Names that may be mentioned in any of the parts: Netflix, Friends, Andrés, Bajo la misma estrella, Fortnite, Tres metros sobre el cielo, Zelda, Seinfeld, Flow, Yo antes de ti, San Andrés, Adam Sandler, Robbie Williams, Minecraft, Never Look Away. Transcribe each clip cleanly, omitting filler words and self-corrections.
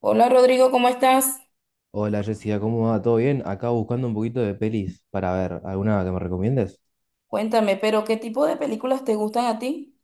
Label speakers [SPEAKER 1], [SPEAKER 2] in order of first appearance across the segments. [SPEAKER 1] Hola Rodrigo, ¿cómo estás?
[SPEAKER 2] Hola Jessica, ¿cómo va? ¿Todo bien? Acá buscando un poquito de pelis para ver, ¿alguna que me recomiendes?
[SPEAKER 1] Cuéntame, pero ¿qué tipo de películas te gustan a ti?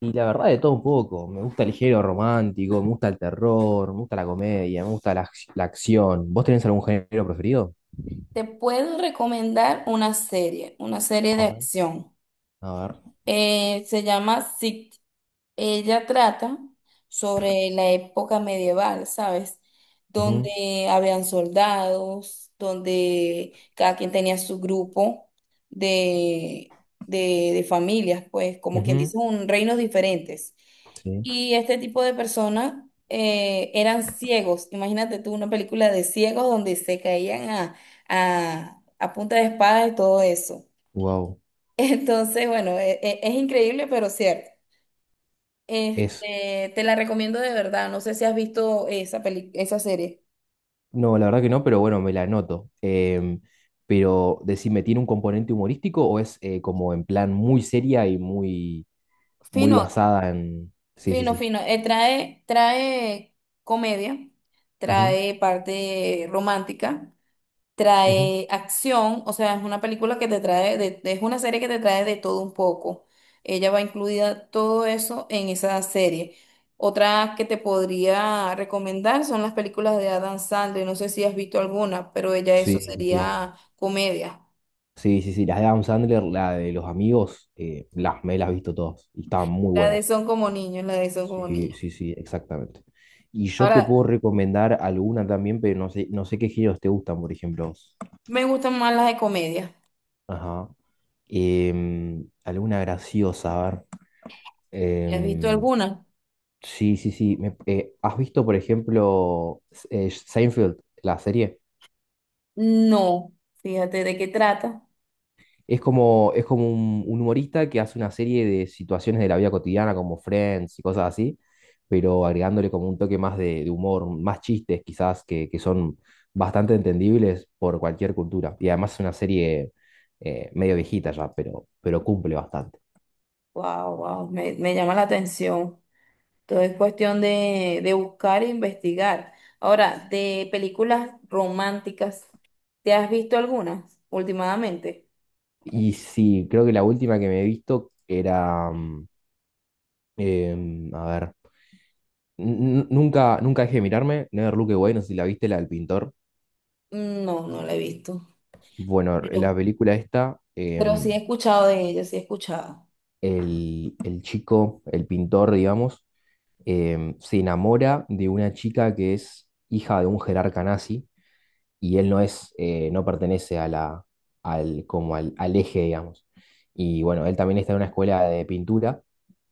[SPEAKER 2] Y la verdad de todo un poco, me gusta el género romántico, me gusta el terror, me gusta la comedia, me gusta la acción. ¿Vos tenés algún género preferido?
[SPEAKER 1] Te puedo recomendar una serie de
[SPEAKER 2] Vamos a ver.
[SPEAKER 1] acción.
[SPEAKER 2] A ver.
[SPEAKER 1] Se llama Ella. Trata sobre la época medieval, ¿sabes?
[SPEAKER 2] Ujú,
[SPEAKER 1] Donde habían soldados, donde cada quien tenía su grupo de, de familias, pues, como quien
[SPEAKER 2] ujú,
[SPEAKER 1] dice, un reinos diferentes.
[SPEAKER 2] sí.
[SPEAKER 1] Y este tipo de personas eran ciegos. Imagínate tú una película de ciegos donde se caían a punta de espada y todo eso.
[SPEAKER 2] Wow.
[SPEAKER 1] Entonces, bueno, es increíble, pero cierto.
[SPEAKER 2] Es.
[SPEAKER 1] Este, te la recomiendo de verdad. No sé si has visto esa peli, esa serie.
[SPEAKER 2] No, la verdad que no, pero bueno, me la anoto. Pero decime, ¿tiene un componente humorístico o es como en plan muy seria y muy
[SPEAKER 1] Fino,
[SPEAKER 2] basada en. Sí, sí,
[SPEAKER 1] fino,
[SPEAKER 2] sí.
[SPEAKER 1] fino. Trae comedia,
[SPEAKER 2] Ujú,
[SPEAKER 1] trae parte romántica,
[SPEAKER 2] ujú.
[SPEAKER 1] trae acción. O sea, es una película que te trae, es una serie que te trae de todo un poco. Ella va incluida todo eso en esa serie. Otra que te podría recomendar son las películas de Adam Sandler. No sé si has visto alguna, pero ella
[SPEAKER 2] Sí,
[SPEAKER 1] eso
[SPEAKER 2] sí, sí.
[SPEAKER 1] sería comedia.
[SPEAKER 2] Sí, sí, sí. Las de Adam Sandler, la de los amigos, las, me las he visto todas. Y estaban muy
[SPEAKER 1] La de
[SPEAKER 2] buenas.
[SPEAKER 1] Son como niños, la de Son como
[SPEAKER 2] Sí,
[SPEAKER 1] niños.
[SPEAKER 2] sí, sí, exactamente. Y yo te puedo
[SPEAKER 1] Ahora,
[SPEAKER 2] recomendar alguna también, pero no sé, no sé qué géneros te gustan, por ejemplo.
[SPEAKER 1] me gustan más las de comedia.
[SPEAKER 2] Ajá. Alguna graciosa, a ver.
[SPEAKER 1] ¿Has visto
[SPEAKER 2] Em,
[SPEAKER 1] alguna?
[SPEAKER 2] sí, sí, sí. ¿Has visto, por ejemplo, Seinfeld, la serie?
[SPEAKER 1] No. Fíjate de qué trata.
[SPEAKER 2] Es como un humorista que hace una serie de situaciones de la vida cotidiana, como Friends y cosas así, pero agregándole como un toque más de humor, más chistes quizás que son bastante entendibles por cualquier cultura. Y además es una serie medio viejita ya, pero cumple bastante.
[SPEAKER 1] Wow, wow, me llama la atención. Todo es cuestión de buscar e investigar. Ahora, de películas románticas, ¿te has visto algunas últimamente?
[SPEAKER 2] Y sí, creo que la última que me he visto era, a ver, nunca dejé de mirarme, Never Look Away, no sé si la viste, la del pintor.
[SPEAKER 1] No, no la he visto.
[SPEAKER 2] Bueno, la
[SPEAKER 1] Pero,
[SPEAKER 2] película esta...
[SPEAKER 1] pero sí he escuchado de ellas, sí he escuchado.
[SPEAKER 2] el chico, el pintor, digamos, se enamora de una chica que es hija de un jerarca nazi y él no es, no pertenece a como al eje, digamos. Y bueno, él también está en una escuela de pintura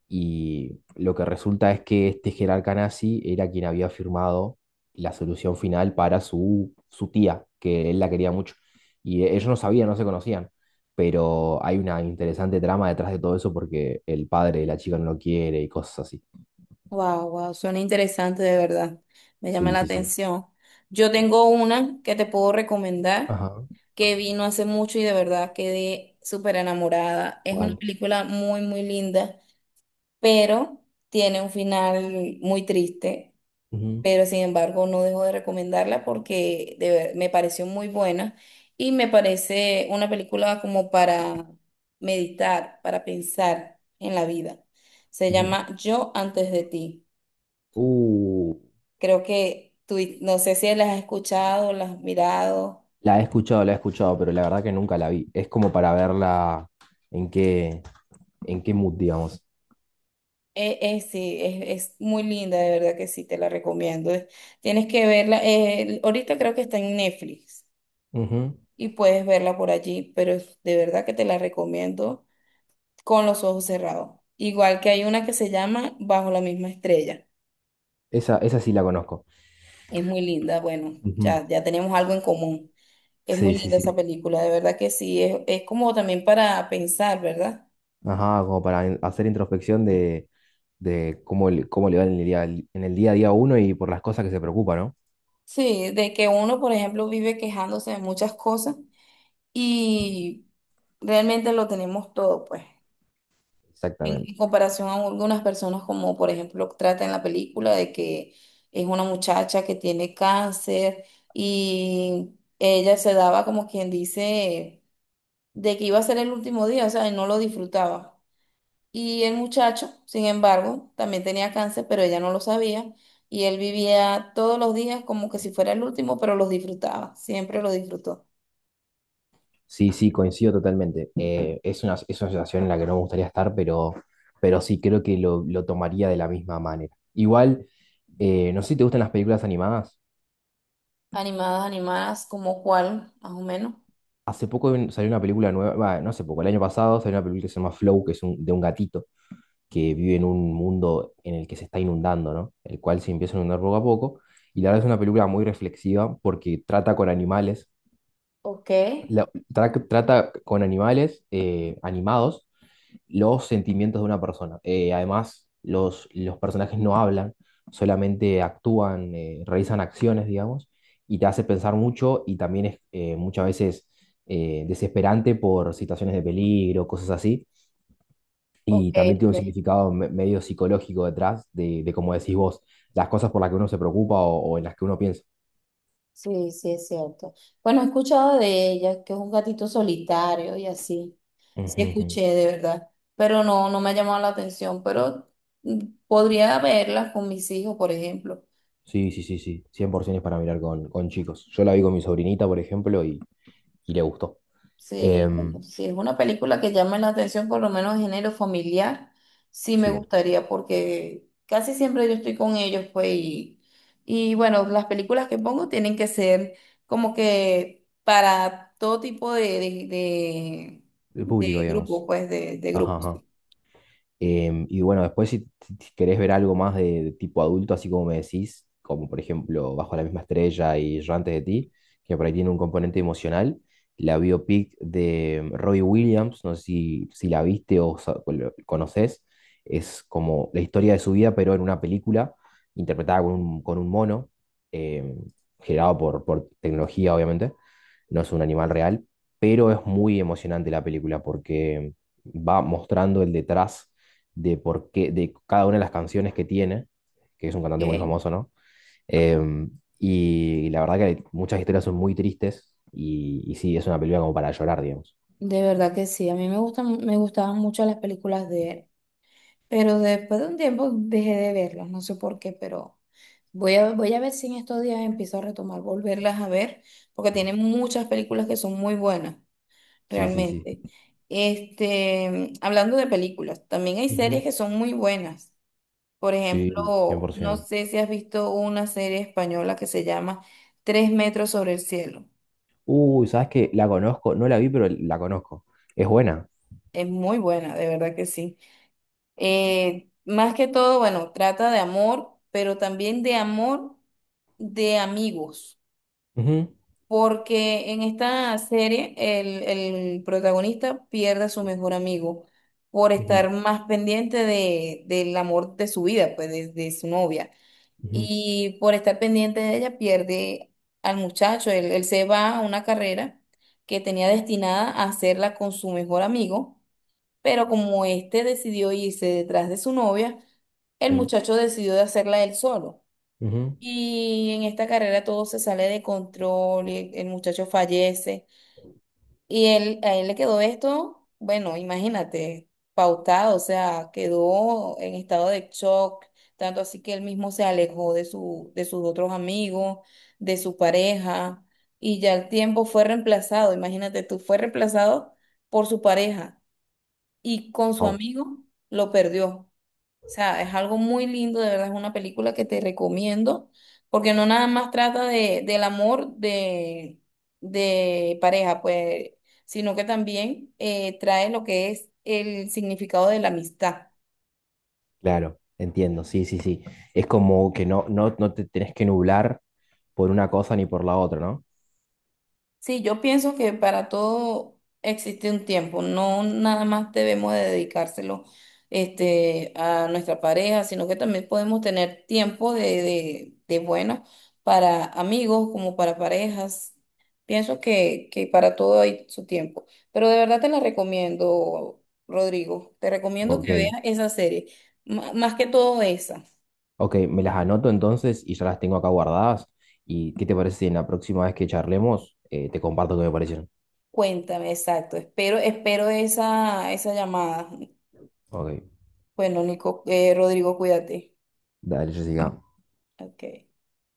[SPEAKER 2] y lo que resulta es que este jerarca nazi era quien había firmado la solución final para su, su tía, que él la quería mucho. Y ellos no sabían, no se conocían. Pero hay una interesante trama detrás de todo eso porque el padre de la chica no lo quiere y cosas así.
[SPEAKER 1] Wow, wow, suena interesante de verdad. Me llama
[SPEAKER 2] Sí,
[SPEAKER 1] la
[SPEAKER 2] sí, sí.
[SPEAKER 1] atención. Yo tengo una que te puedo recomendar
[SPEAKER 2] Ajá.
[SPEAKER 1] que vino hace mucho y de verdad quedé súper enamorada. Es una
[SPEAKER 2] ¿Cuál?
[SPEAKER 1] película muy, muy linda, pero tiene un final muy triste.
[SPEAKER 2] Ujú,
[SPEAKER 1] Pero sin embargo, no dejo de recomendarla porque me pareció muy buena y me parece una película como para meditar, para pensar en la vida. Se
[SPEAKER 2] ujú.
[SPEAKER 1] llama Yo antes de ti.
[SPEAKER 2] Uh,
[SPEAKER 1] Creo que tú, no sé si las has escuchado, las has mirado.
[SPEAKER 2] la he escuchado, pero la verdad que nunca la vi. Es como para verla en qué, en qué mood, digamos.
[SPEAKER 1] Sí, es muy linda, de verdad que sí, te la recomiendo. Tienes que verla. Ahorita creo que está en Netflix
[SPEAKER 2] Ujú.
[SPEAKER 1] y puedes verla por allí, pero de verdad que te la recomiendo con los ojos cerrados. Igual que hay una que se llama Bajo la misma estrella.
[SPEAKER 2] Esa sí la conozco.
[SPEAKER 1] Es muy linda, bueno,
[SPEAKER 2] Ujú.
[SPEAKER 1] ya tenemos algo en común. Es
[SPEAKER 2] Sí,
[SPEAKER 1] muy
[SPEAKER 2] sí,
[SPEAKER 1] linda esa
[SPEAKER 2] sí.
[SPEAKER 1] película, de verdad que sí, es como también para pensar, ¿verdad?
[SPEAKER 2] Ajá, como para hacer introspección de cómo, cómo le va en el día a día a uno y por las cosas que se preocupa, ¿no?
[SPEAKER 1] Sí, de que uno, por ejemplo, vive quejándose de muchas cosas y realmente lo tenemos todo, pues,
[SPEAKER 2] Exactamente.
[SPEAKER 1] en comparación a algunas personas como, por ejemplo, trata en la película de que es una muchacha que tiene cáncer y ella se daba como quien dice de que iba a ser el último día, o sea, y no lo disfrutaba. Y el muchacho, sin embargo, también tenía cáncer, pero ella no lo sabía. Y él vivía todos los días como que si fuera el último, pero los disfrutaba, siempre los disfrutó.
[SPEAKER 2] Sí, sí, coincido totalmente. Es una, es una situación en la que no me gustaría estar, pero sí creo que lo tomaría de la misma manera. Igual, no sé si te gustan las películas animadas.
[SPEAKER 1] Animadas, animadas, como cuál, más o menos.
[SPEAKER 2] Hace poco salió una película nueva, bah, no hace poco, el año pasado salió una película que se llama Flow, que es de un gatito. Que vive en un mundo en el que se está inundando, ¿no? El cual se empieza a inundar poco a poco. Y la verdad es una película muy reflexiva porque trata con animales,
[SPEAKER 1] Ok,
[SPEAKER 2] trata con animales animados los sentimientos de una persona. Además, los personajes no hablan, solamente actúan, realizan acciones, digamos, y te hace pensar mucho y también es muchas veces desesperante por situaciones de peligro, cosas así.
[SPEAKER 1] ok,
[SPEAKER 2] Y también tiene un
[SPEAKER 1] ok.
[SPEAKER 2] significado medio psicológico detrás de, como decís vos, las cosas por las que uno se preocupa o en las que uno piensa.
[SPEAKER 1] Sí, sí, es cierto. Bueno, he escuchado de ella, que es un gatito solitario y así. Sí,
[SPEAKER 2] Ujú, ujú.
[SPEAKER 1] escuché, de verdad. Pero no, no me ha llamado la atención, pero mm, podría verla con mis hijos, por ejemplo.
[SPEAKER 2] Sí, sí, sí, sí. 100% es para mirar con chicos. Yo la vi con mi sobrinita, por ejemplo, y le gustó.
[SPEAKER 1] Sí,
[SPEAKER 2] Em,
[SPEAKER 1] si es una película que llame la atención, por lo menos género familiar, sí me
[SPEAKER 2] sí,
[SPEAKER 1] gustaría porque casi siempre yo estoy con ellos, pues, y bueno, las películas que pongo tienen que ser como que para todo tipo
[SPEAKER 2] de público,
[SPEAKER 1] de grupo,
[SPEAKER 2] digamos.
[SPEAKER 1] pues, de
[SPEAKER 2] Ajá,
[SPEAKER 1] grupos.
[SPEAKER 2] ajá. Y bueno, después si querés ver algo más de tipo adulto, así como me decís, como por ejemplo Bajo la misma estrella y Yo antes de ti, que por ahí tiene un componente emocional, la biopic de Robbie Williams, no sé si la viste o conoces, es como la historia de su vida, pero en una película interpretada con con un mono, em, generado por tecnología, obviamente, no es un animal real, pero es muy emocionante la película porque va mostrando el detrás de por qué, de cada una de las canciones que tiene, que es un cantante muy
[SPEAKER 1] Ok.
[SPEAKER 2] famoso, ¿no? Em, y la verdad que muchas historias son muy tristes y sí, es una película como para llorar, digamos.
[SPEAKER 1] De verdad que sí, a mí me gustan, me gustaban mucho las películas de él. Pero después de un tiempo dejé de verlas, no sé por qué, pero voy a ver si en estos días empiezo a retomar, volverlas a ver, porque tienen
[SPEAKER 2] Ah.
[SPEAKER 1] muchas películas que son muy buenas,
[SPEAKER 2] Sí, sí, sí.
[SPEAKER 1] realmente. Este, hablando de películas, también hay series
[SPEAKER 2] Ujú.
[SPEAKER 1] que son muy buenas. Por
[SPEAKER 2] Sí,
[SPEAKER 1] ejemplo, no
[SPEAKER 2] 100%.
[SPEAKER 1] sé si has visto una serie española que se llama Tres metros sobre el cielo.
[SPEAKER 2] Uy, ¿sabes qué? La conozco, no la vi, pero la conozco. Es buena.
[SPEAKER 1] Es muy buena, de verdad que sí. Más que todo, bueno, trata de amor, pero también de amor de amigos,
[SPEAKER 2] Ujú,
[SPEAKER 1] porque en esta serie el protagonista pierde a su mejor amigo por
[SPEAKER 2] ujú,
[SPEAKER 1] estar más pendiente del amor de su vida, pues de su novia,
[SPEAKER 2] ujú,
[SPEAKER 1] y por estar pendiente de ella pierde al muchacho, él se va a una carrera que tenía destinada a hacerla con su mejor amigo, pero como este decidió irse detrás de su novia, el
[SPEAKER 2] sí,
[SPEAKER 1] muchacho decidió de hacerla él solo.
[SPEAKER 2] ujú.
[SPEAKER 1] Y en esta carrera todo se sale de control y el muchacho fallece. Y él, a él le quedó esto, bueno, imagínate, pautado, o sea, quedó en estado de shock, tanto así que él mismo se alejó de sus otros amigos, de su pareja, y ya el tiempo fue reemplazado, imagínate tú, fue reemplazado por su pareja y con su
[SPEAKER 2] Oh,
[SPEAKER 1] amigo lo perdió. O sea, es algo muy lindo, de verdad, es una película que te recomiendo, porque no nada más trata del amor de pareja, pues, sino que también trae lo que es el significado de la amistad.
[SPEAKER 2] claro, entiendo, sí, sí, sí. Es como que no, no, no te tenés que nublar por una cosa ni por la otra, ¿no?
[SPEAKER 1] Sí, yo pienso que para todo existe un tiempo, no nada más debemos de dedicárselo este, a nuestra pareja, sino que también podemos tener tiempo de bueno para amigos como para parejas. Pienso que para todo hay su tiempo, pero de verdad te la recomiendo, Rodrigo, te recomiendo
[SPEAKER 2] Ok,
[SPEAKER 1] que veas esa serie, más que todo esa.
[SPEAKER 2] ok, me las anoto entonces y ya las tengo acá guardadas. ¿Y qué te parece si en la próxima vez que charlemos te comparto qué me parecieron?
[SPEAKER 1] Cuéntame, exacto, espero, espero esa, esa llamada.
[SPEAKER 2] Ok,
[SPEAKER 1] Bueno, Nico, Rodrigo, cuídate.
[SPEAKER 2] dale, Jessica.
[SPEAKER 1] Ok.